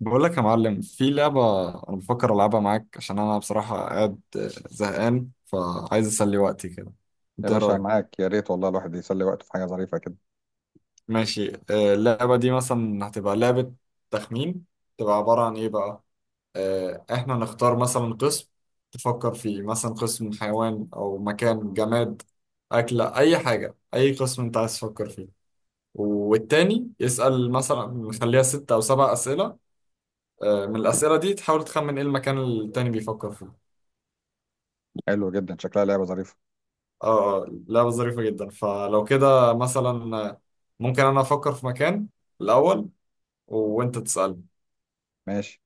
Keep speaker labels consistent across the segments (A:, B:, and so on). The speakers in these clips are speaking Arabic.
A: بقول لك يا معلم، في لعبة أنا بفكر ألعبها معاك عشان أنا بصراحة قاعد زهقان، فعايز أسلي وقتي كده.
B: يا
A: أنت إيه
B: باشا
A: رأيك؟
B: معاك، يا ريت والله. الواحد يسلي وقته في حاجة ظريفة كده.
A: ماشي. اللعبة دي مثلا هتبقى لعبة تخمين. تبقى عبارة عن إيه بقى؟ إحنا نختار مثلا قسم تفكر فيه، مثلا قسم حيوان أو مكان، جماد، أكلة، أي حاجة. أي قسم أنت عايز تفكر فيه. والتاني يسأل، مثلا نخليها 6 أو 7 أسئلة. من الأسئلة دي تحاول تخمن إيه المكان اللي التاني بيفكر فيه.
B: حلو جدا، شكلها لعبة ظريفة.
A: اه اه، لعبة ظريفة جدا. فلو كده مثلا، ممكن انا افكر في مكان الاول وانت تسألني.
B: ماشي.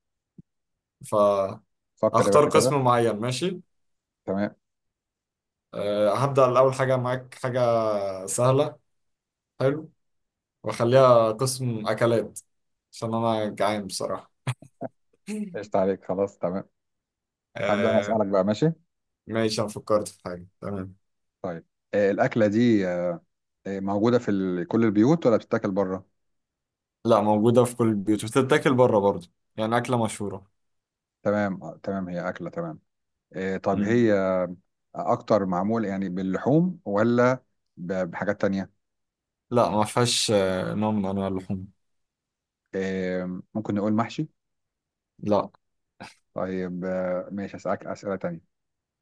B: فكر يا
A: فاختار
B: باشا كده.
A: قسم معين. ماشي.
B: تمام.
A: أه، هبدأ. الاول حاجة معاك حاجة سهلة. حلو. واخليها قسم اكلات عشان انا جعان بصراحة.
B: قشطة عليك، خلاص تمام. هبدأ أنا
A: أه،
B: أسألك بقى، ماشي.
A: ماشي. انا فكرت في حاجة. تمام.
B: طيب، الأكلة دي موجودة في كل البيوت ولا بتتاكل بره؟
A: لا، موجودة في كل البيوت وبتتاكل بره برضه، يعني أكلة مشهورة.
B: تمام، تمام، هي أكلة، تمام. طب
A: مم.
B: هي أكتر معمول يعني باللحوم ولا بحاجات تانية؟
A: لا، ما فيهاش نوع من أنواع اللحوم.
B: ممكن نقول محشي؟
A: لا.
B: طيب، ماشي أسألك أسئلة تانية.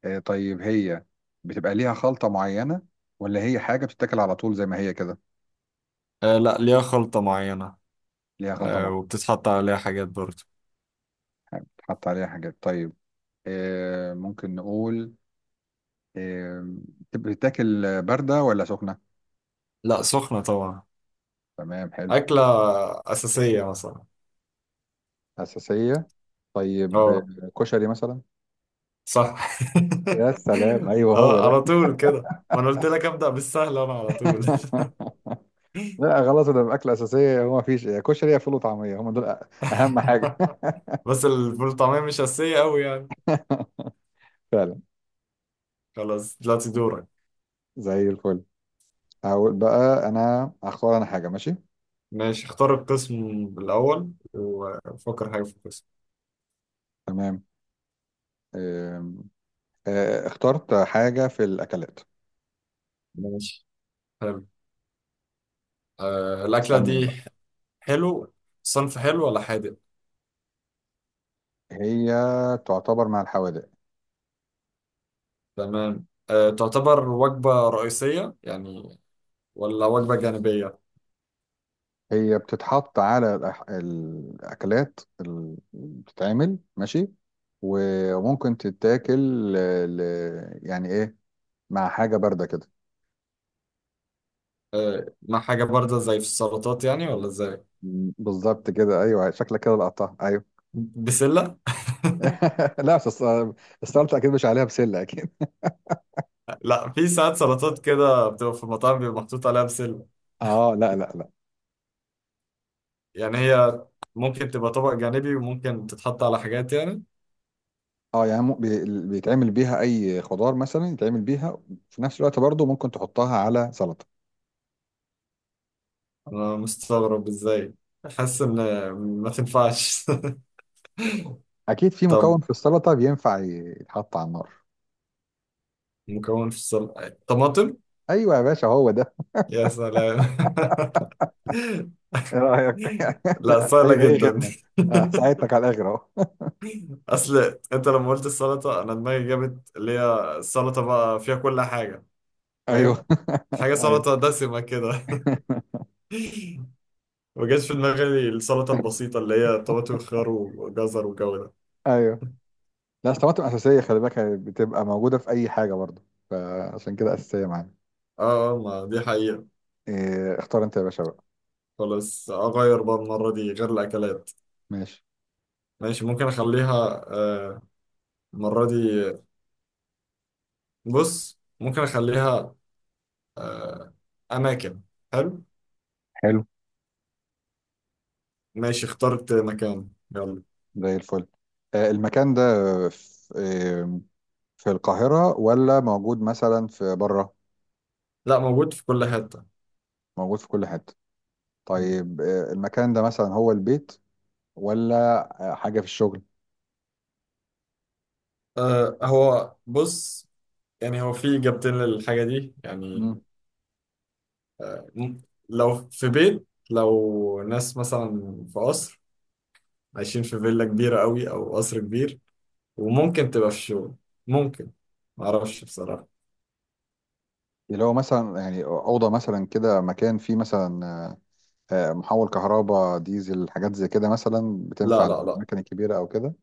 B: طيب، هي بتبقى ليها خلطة معينة ولا هي حاجة بتتاكل على طول زي ما هي كده؟
A: لا، ليها خلطة معينة.
B: ليها خلطة معينة.
A: وبتتحط عليها حاجات برضه.
B: تحط عليها حاجات، طيب. ممكن نقول آه، بتتاكل باردة ولا سخنة؟
A: لا، سخنة طبعا.
B: تمام، حلو.
A: أكلة أساسية مثلا.
B: أساسية، طيب،
A: اه،
B: كشري مثلا؟
A: صح.
B: يا سلام، ايوه هو
A: اه، على
B: ده.
A: طول كده؟ ما أنا قلت لك أبدأ بالسهل، أنا على طول.
B: لا خلاص، ده الاكل اساسيه، هو ما فيش يا كشري يا فول وطعميه، هم دول اهم حاجه.
A: بس الفول طعمية مش أساسية أوي يعني.
B: فعلا.
A: خلاص، دلوقتي دورك.
B: زي الفل. هقول بقى، انا هختار انا حاجه، ماشي.
A: ماشي، اختار القسم الأول وفكر حاجة في القسم.
B: تمام. آه، اخترت حاجة في الأكلات.
A: ماشي. حلو. الأكلة
B: اسألني إيه بقى؟
A: دي. حلو. صنف حلو ولا حادق؟
B: هي تعتبر مع الحوادق.
A: تمام. تعتبر وجبة رئيسية يعني، ولا وجبة جانبية؟
B: هي بتتحط على الأكلات اللي بتتعمل، ماشي. وممكن تتاكل يعني إيه، مع حاجة باردة كده.
A: ما حاجة باردة زي في السلطات يعني، ولا ازاي؟
B: بالظبط كده، أيوه شكلك كده لقطتها، أيوه.
A: بسلة؟
B: لا بس السلطة أكيد مش عليها بسلة، أكيد.
A: لا، في ساعات سلطات كده بتبقى في المطاعم بيبقى محطوط عليها بسلة.
B: أه لا لا لا.
A: يعني هي ممكن تبقى طبق جانبي، وممكن تتحط على حاجات يعني.
B: اه يعني بيتعمل بيها اي خضار مثلا، يتعمل بيها في نفس الوقت برضو ممكن تحطها على سلطة.
A: أنا مستغرب ازاي، حاسس إن ما تنفعش.
B: اكيد في مكون
A: طب
B: في السلطه بينفع يتحط على النار.
A: مكون في السلطة طماطم؟
B: ايوه يا باشا، هو ده.
A: يا سلام.
B: ايه رايك؟
A: لا، سهلة
B: اي
A: جدا.
B: خدمه. ساعدتك على الاخر اهو.
A: أصل أنت لما قلت السلطة، أنا دماغي جابت اللي هي السلطة بقى فيها كل حاجة.
B: ايوه
A: فاهم. حاجة
B: ايوه.
A: سلطة دسمة كده. ما جاش في دماغي السلطة البسيطة اللي هي طماطم وخيار وجزر والجو ده.
B: ايوه. لا أصل الطماطم اساسيه، خلي بالك، هي بتبقى موجوده في اي حاجه برضو، فعشان كده اساسيه معانا.
A: اه، ما دي حقيقة.
B: إيه، اختار انت يا باشا بقى.
A: خلاص، أغير بقى المرة دي، غير الأكلات.
B: ماشي.
A: ماشي، ممكن أخليها، المرة دي. بص، ممكن أخليها آه، أماكن. حلو.
B: حلو.
A: ماشي، اخترت مكان. يلا.
B: زي الفل. المكان ده في آه، في القاهره ولا موجود مثلا في بره؟
A: لا، موجود في كل حتة.
B: موجود في كل حته. طيب، المكان ده مثلا هو البيت ولا حاجة في الشغل؟
A: هو بص، يعني هو في إجابتين للحاجة دي يعني.
B: مم.
A: لو في بيت، لو ناس مثلا في قصر عايشين في فيلا كبيرة قوي أو قصر كبير. وممكن تبقى في شغل. ممكن. معرفش بصراحة.
B: اللي هو مثلا يعني أوضة مثلا كده، مكان فيه مثلا محول كهرباء ديزل، حاجات زي كده مثلا
A: لا
B: بتنفع
A: لا لا.
B: للأماكن الكبيرة أو كده.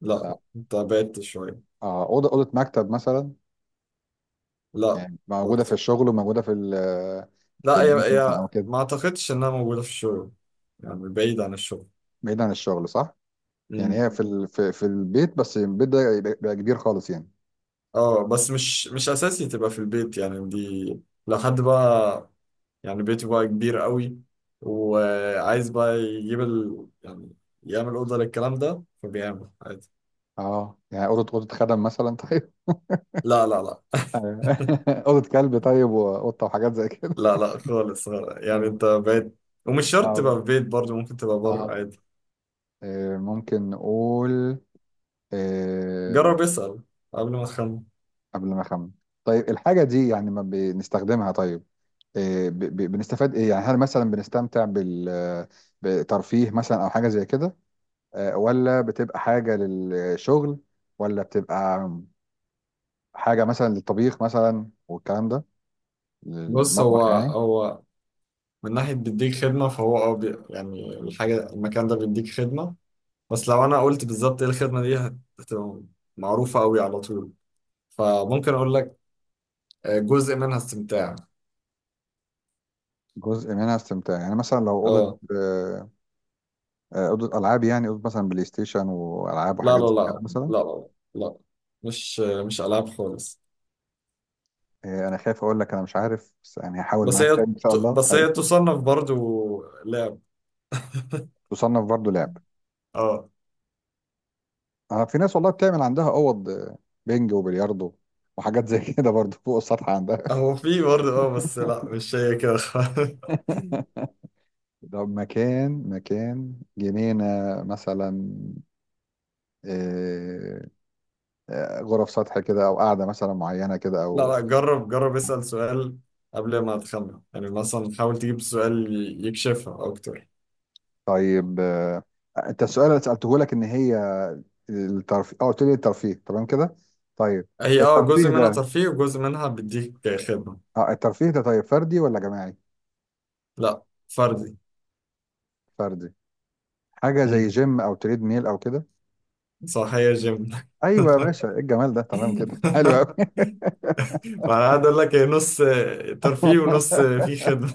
A: لا لا،
B: لا.
A: أنت بعدت شوية.
B: أوضة مكتب مثلا؟
A: لا.
B: يعني موجودة في
A: برضه.
B: الشغل وموجودة في في
A: لا، هي
B: البيت مثلا أو
A: هي
B: كده.
A: ما أعتقدش إنها موجودة في الشغل. يعني بعيد عن الشغل.
B: بعيد عن الشغل، صح؟ يعني هي في في البيت، بس البيت ده يبقى كبير خالص يعني.
A: اه، بس مش اساسي تبقى في البيت يعني، دي لو حد بقى يعني بيته بقى كبير قوي، وعايز بقى يجيب يعني يعمل اوضه للكلام ده فبيعمل عادي.
B: اه يعني أوضة خدم مثلا، طيب؟
A: لا لا لا
B: أيوة. أوضة كلب طيب، وقطة وحاجات زي كده.
A: لا لا، خالص. يعني
B: ايوه.
A: انت بقيت. ومش شرط تبقى
B: اه.
A: في بيت برضه، ممكن تبقى بره
B: آه.
A: عادي.
B: ممكن نقول آه،
A: جرب اسأل قبل ما تخمن.
B: قبل ما أخمن. طيب، الحاجة دي يعني ما بنستخدمها؟ طيب، بنستفاد إيه يعني؟ هل مثلا بنستمتع بترفيه مثلا أو حاجة زي كده، ولا بتبقى حاجة للشغل، ولا بتبقى حاجة مثلا للطبيخ مثلا والكلام ده،
A: بص،
B: للمطبخ
A: هو
B: يعني؟
A: هو من ناحية بيديك خدمة، فهو يعني الحاجة، المكان ده بيديك خدمة. بس لو انا قلت بالظبط ايه الخدمه دي هتبقى معروفه قوي على طول. فممكن اقول لك جزء منها استمتاع.
B: جزء منها استمتاع، يعني مثلا لو أوضة
A: اه،
B: آه، أوضة ألعاب يعني، أوضة مثلا بلاي ستيشن وألعاب
A: لا لا
B: وحاجات زي كده
A: لا
B: مثلا؟
A: لا لا لا، مش العاب خالص.
B: إيه، انا خايف اقول لك انا مش عارف، بس يعني هحاول
A: بس
B: معاك تاني ان شاء الله، ايوه.
A: هي تصنف برضو لعب.
B: تصنف برضو لعب.
A: اه،
B: اه في ناس والله بتعمل عندها اوض بينج وبلياردو وحاجات زي كده برضو فوق السطح عندها.
A: هو في برضه بس لا، مش هي كده خالص.
B: طب، مكان جنينة مثلا؟ إيه، غرف سطح كده، او قاعدة مثلا معينة كده،
A: لا
B: او
A: لا، جرب جرب اسأل سؤال قبل ما تخمن، يعني مثلا حاول تجيب سؤال يكشفها اكتر.
B: طيب انت السؤال اللي سألته لك ان هي الترفيه، قلت لي الترفيه، تمام كده، طيب.
A: هي
B: الترفيه
A: جزء منها
B: ده،
A: ترفيه، وجزء منها بيديك خدمة.
B: اه الترفيه ده طيب فردي ولا جماعي؟
A: لا، فردي.
B: فردي. حاجه زي
A: مم.
B: جيم او تريد ميل او كده؟
A: صح، هي جيم.
B: ايوه يا باشا، ايه الجمال ده، تمام كده، حلو قوي.
A: ما انا قاعد اقول لك هي نص ترفيه ونص في خدمه.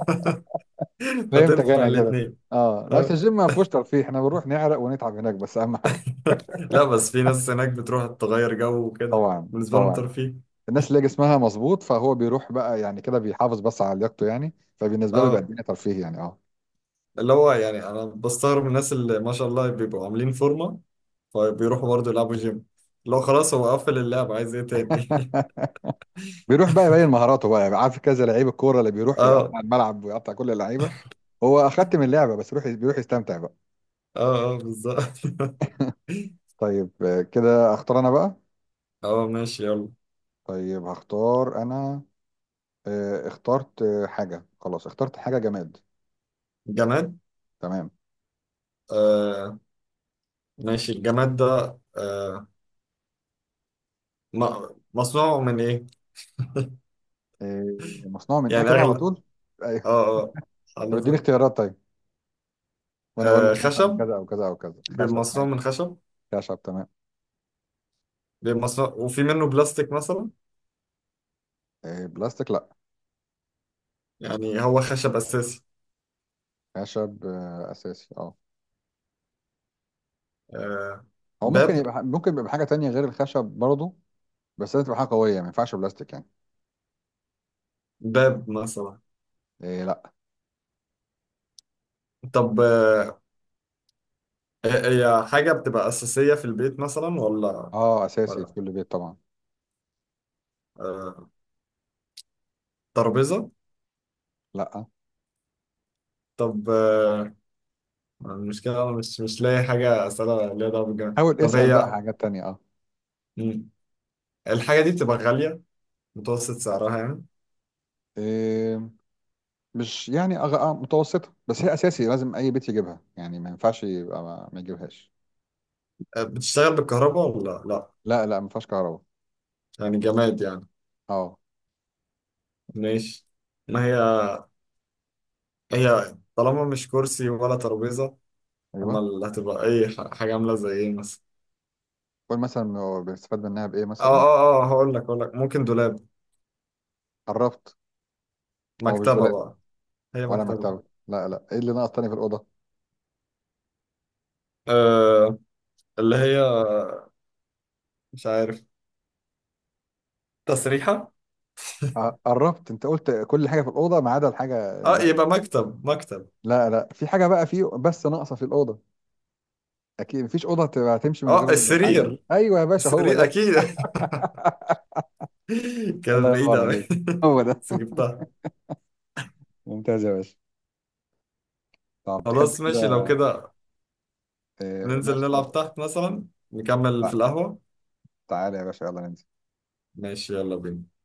B: فهمتك
A: فتنفع
B: انا كده.
A: الاثنين.
B: اه لا بس
A: اه.
B: الجيم ما فيهوش ترفيه، احنا بنروح نعرق ونتعب هناك بس، اهم حاجه.
A: لا بس في ناس هناك بتروح تغير جو وكده،
B: طبعا
A: بالنسبه لهم
B: طبعا.
A: ترفيه.
B: الناس اللي جسمها مظبوط، فهو بيروح بقى يعني كده بيحافظ بس على لياقته يعني، فبالنسبه له بيبقى
A: اه،
B: الدنيا ترفيه يعني، اه.
A: اللي هو يعني انا بستغرب من الناس اللي ما شاء الله بيبقوا عاملين فورمه، فبيروحوا برضه يلعبوا جيم، اللي هو خلاص هو قفل اللعب عايز ايه تاني.
B: بيروح بقى يبين مهاراته بقى، يعني عارف كذا لعيب الكوره اللي بيروح
A: اه
B: يقطع الملعب ويقطع كل اللعيبه. هو اخدت من اللعبه بس، بيروح يستمتع بقى.
A: اه اه، بالظبط.
B: طيب، كده اختار انا بقى.
A: اه، ماشي يلا.
B: طيب هختار انا. اخترت حاجة، خلاص اخترت حاجة جماد.
A: جماد.
B: تمام.
A: آه ماشي. الجماد ده م- مصنوع من ايه؟
B: آه، مصنوع من ايه
A: يعني
B: كده على
A: اغلب.
B: طول؟ ايوه.
A: اه اه.
B: طب اديني
A: حضرتك-
B: اختيارات، طيب، وانا اقول لك مثلا
A: خشب.
B: كذا او كذا او كذا.
A: بيبقى
B: خشب،
A: مصنوع من
B: ماشي؟
A: خشب.
B: خشب، تمام.
A: بيبقى مصنوع، وفي منه بلاستيك مثلا.
B: بلاستيك لا.
A: يعني هو خشب اساسي.
B: خشب اساسي، اه.
A: آه
B: هو ممكن
A: باب.
B: يبقى حاجة تانية غير الخشب برضه، بس لازم تبقى حاجة قوية، يعني ما ينفعش بلاستيك يعني.
A: باب مثلا.
B: إيه لا.
A: طب، هي حاجة بتبقى أساسية في البيت مثلا ولا؟
B: اه اساسي في
A: ولا،
B: كل بيت طبعا.
A: آه ترابيزة؟
B: لا.
A: طب المشكلة أنا مش لاقي حاجة أسألها ليها دعوة بالجماد.
B: حاول
A: طب
B: اسأل بقى
A: هي،
B: حاجات تانية، اه.
A: مم، الحاجة دي بتبقى غالية، متوسط سعرها يعني؟
B: إيه مش يعني متوسطة، بس هي اساسي لازم اي بيت يجيبها يعني، ما ينفعش يبقى ما يجيبهاش.
A: بتشتغل بالكهرباء ولا لا؟
B: لا لا ما فيهاش كهرباء.
A: يعني جماد يعني.
B: اه
A: ماشي. ما هي، هي طالما مش كرسي ولا ترابيزة، اما
B: ايوه.
A: اللي هتبقى اي حاجة عاملة زي ايه مثلا.
B: قول مثلا هو بيستفاد منها بايه
A: اه
B: مثلا.
A: اه اه، هقول لك هقول لك ممكن دولاب؟
B: قربت. هو مش
A: مكتبة
B: دولاب
A: بقى؟ هي
B: ولا
A: مكتبة؟
B: مكتبه. لا لا، ايه اللي ناقص تاني في الاوضه؟
A: آه اللي هي مش عارف، تسريحة.
B: قربت، انت قلت كل حاجه في الاوضه ما عدا الحاجه
A: اه، يبقى
B: الباقيه.
A: مكتب. مكتب.
B: لا لا، في حاجه بقى في بس ناقصه في الاوضه، اكيد مفيش اوضه تبقى تمشي من
A: اه،
B: غير الحاجه دي.
A: السرير.
B: ايوه يا باشا، هو
A: السرير
B: ده.
A: اكيد. كانت
B: الله ينور
A: بعيدة أوي.
B: عليك. هو ده.
A: بس جبتها.
B: ممتاز يا باشا. طب، تحب
A: خلاص،
B: كده؟
A: ماشي لو كده. ننزل
B: ماشي،
A: نلعب
B: اتفضل.
A: تحت مثلا، نكمل في
B: تع-
A: القهوة.
B: تعالى يا باشا، يلا ننزل.
A: ماشي، يلا بينا.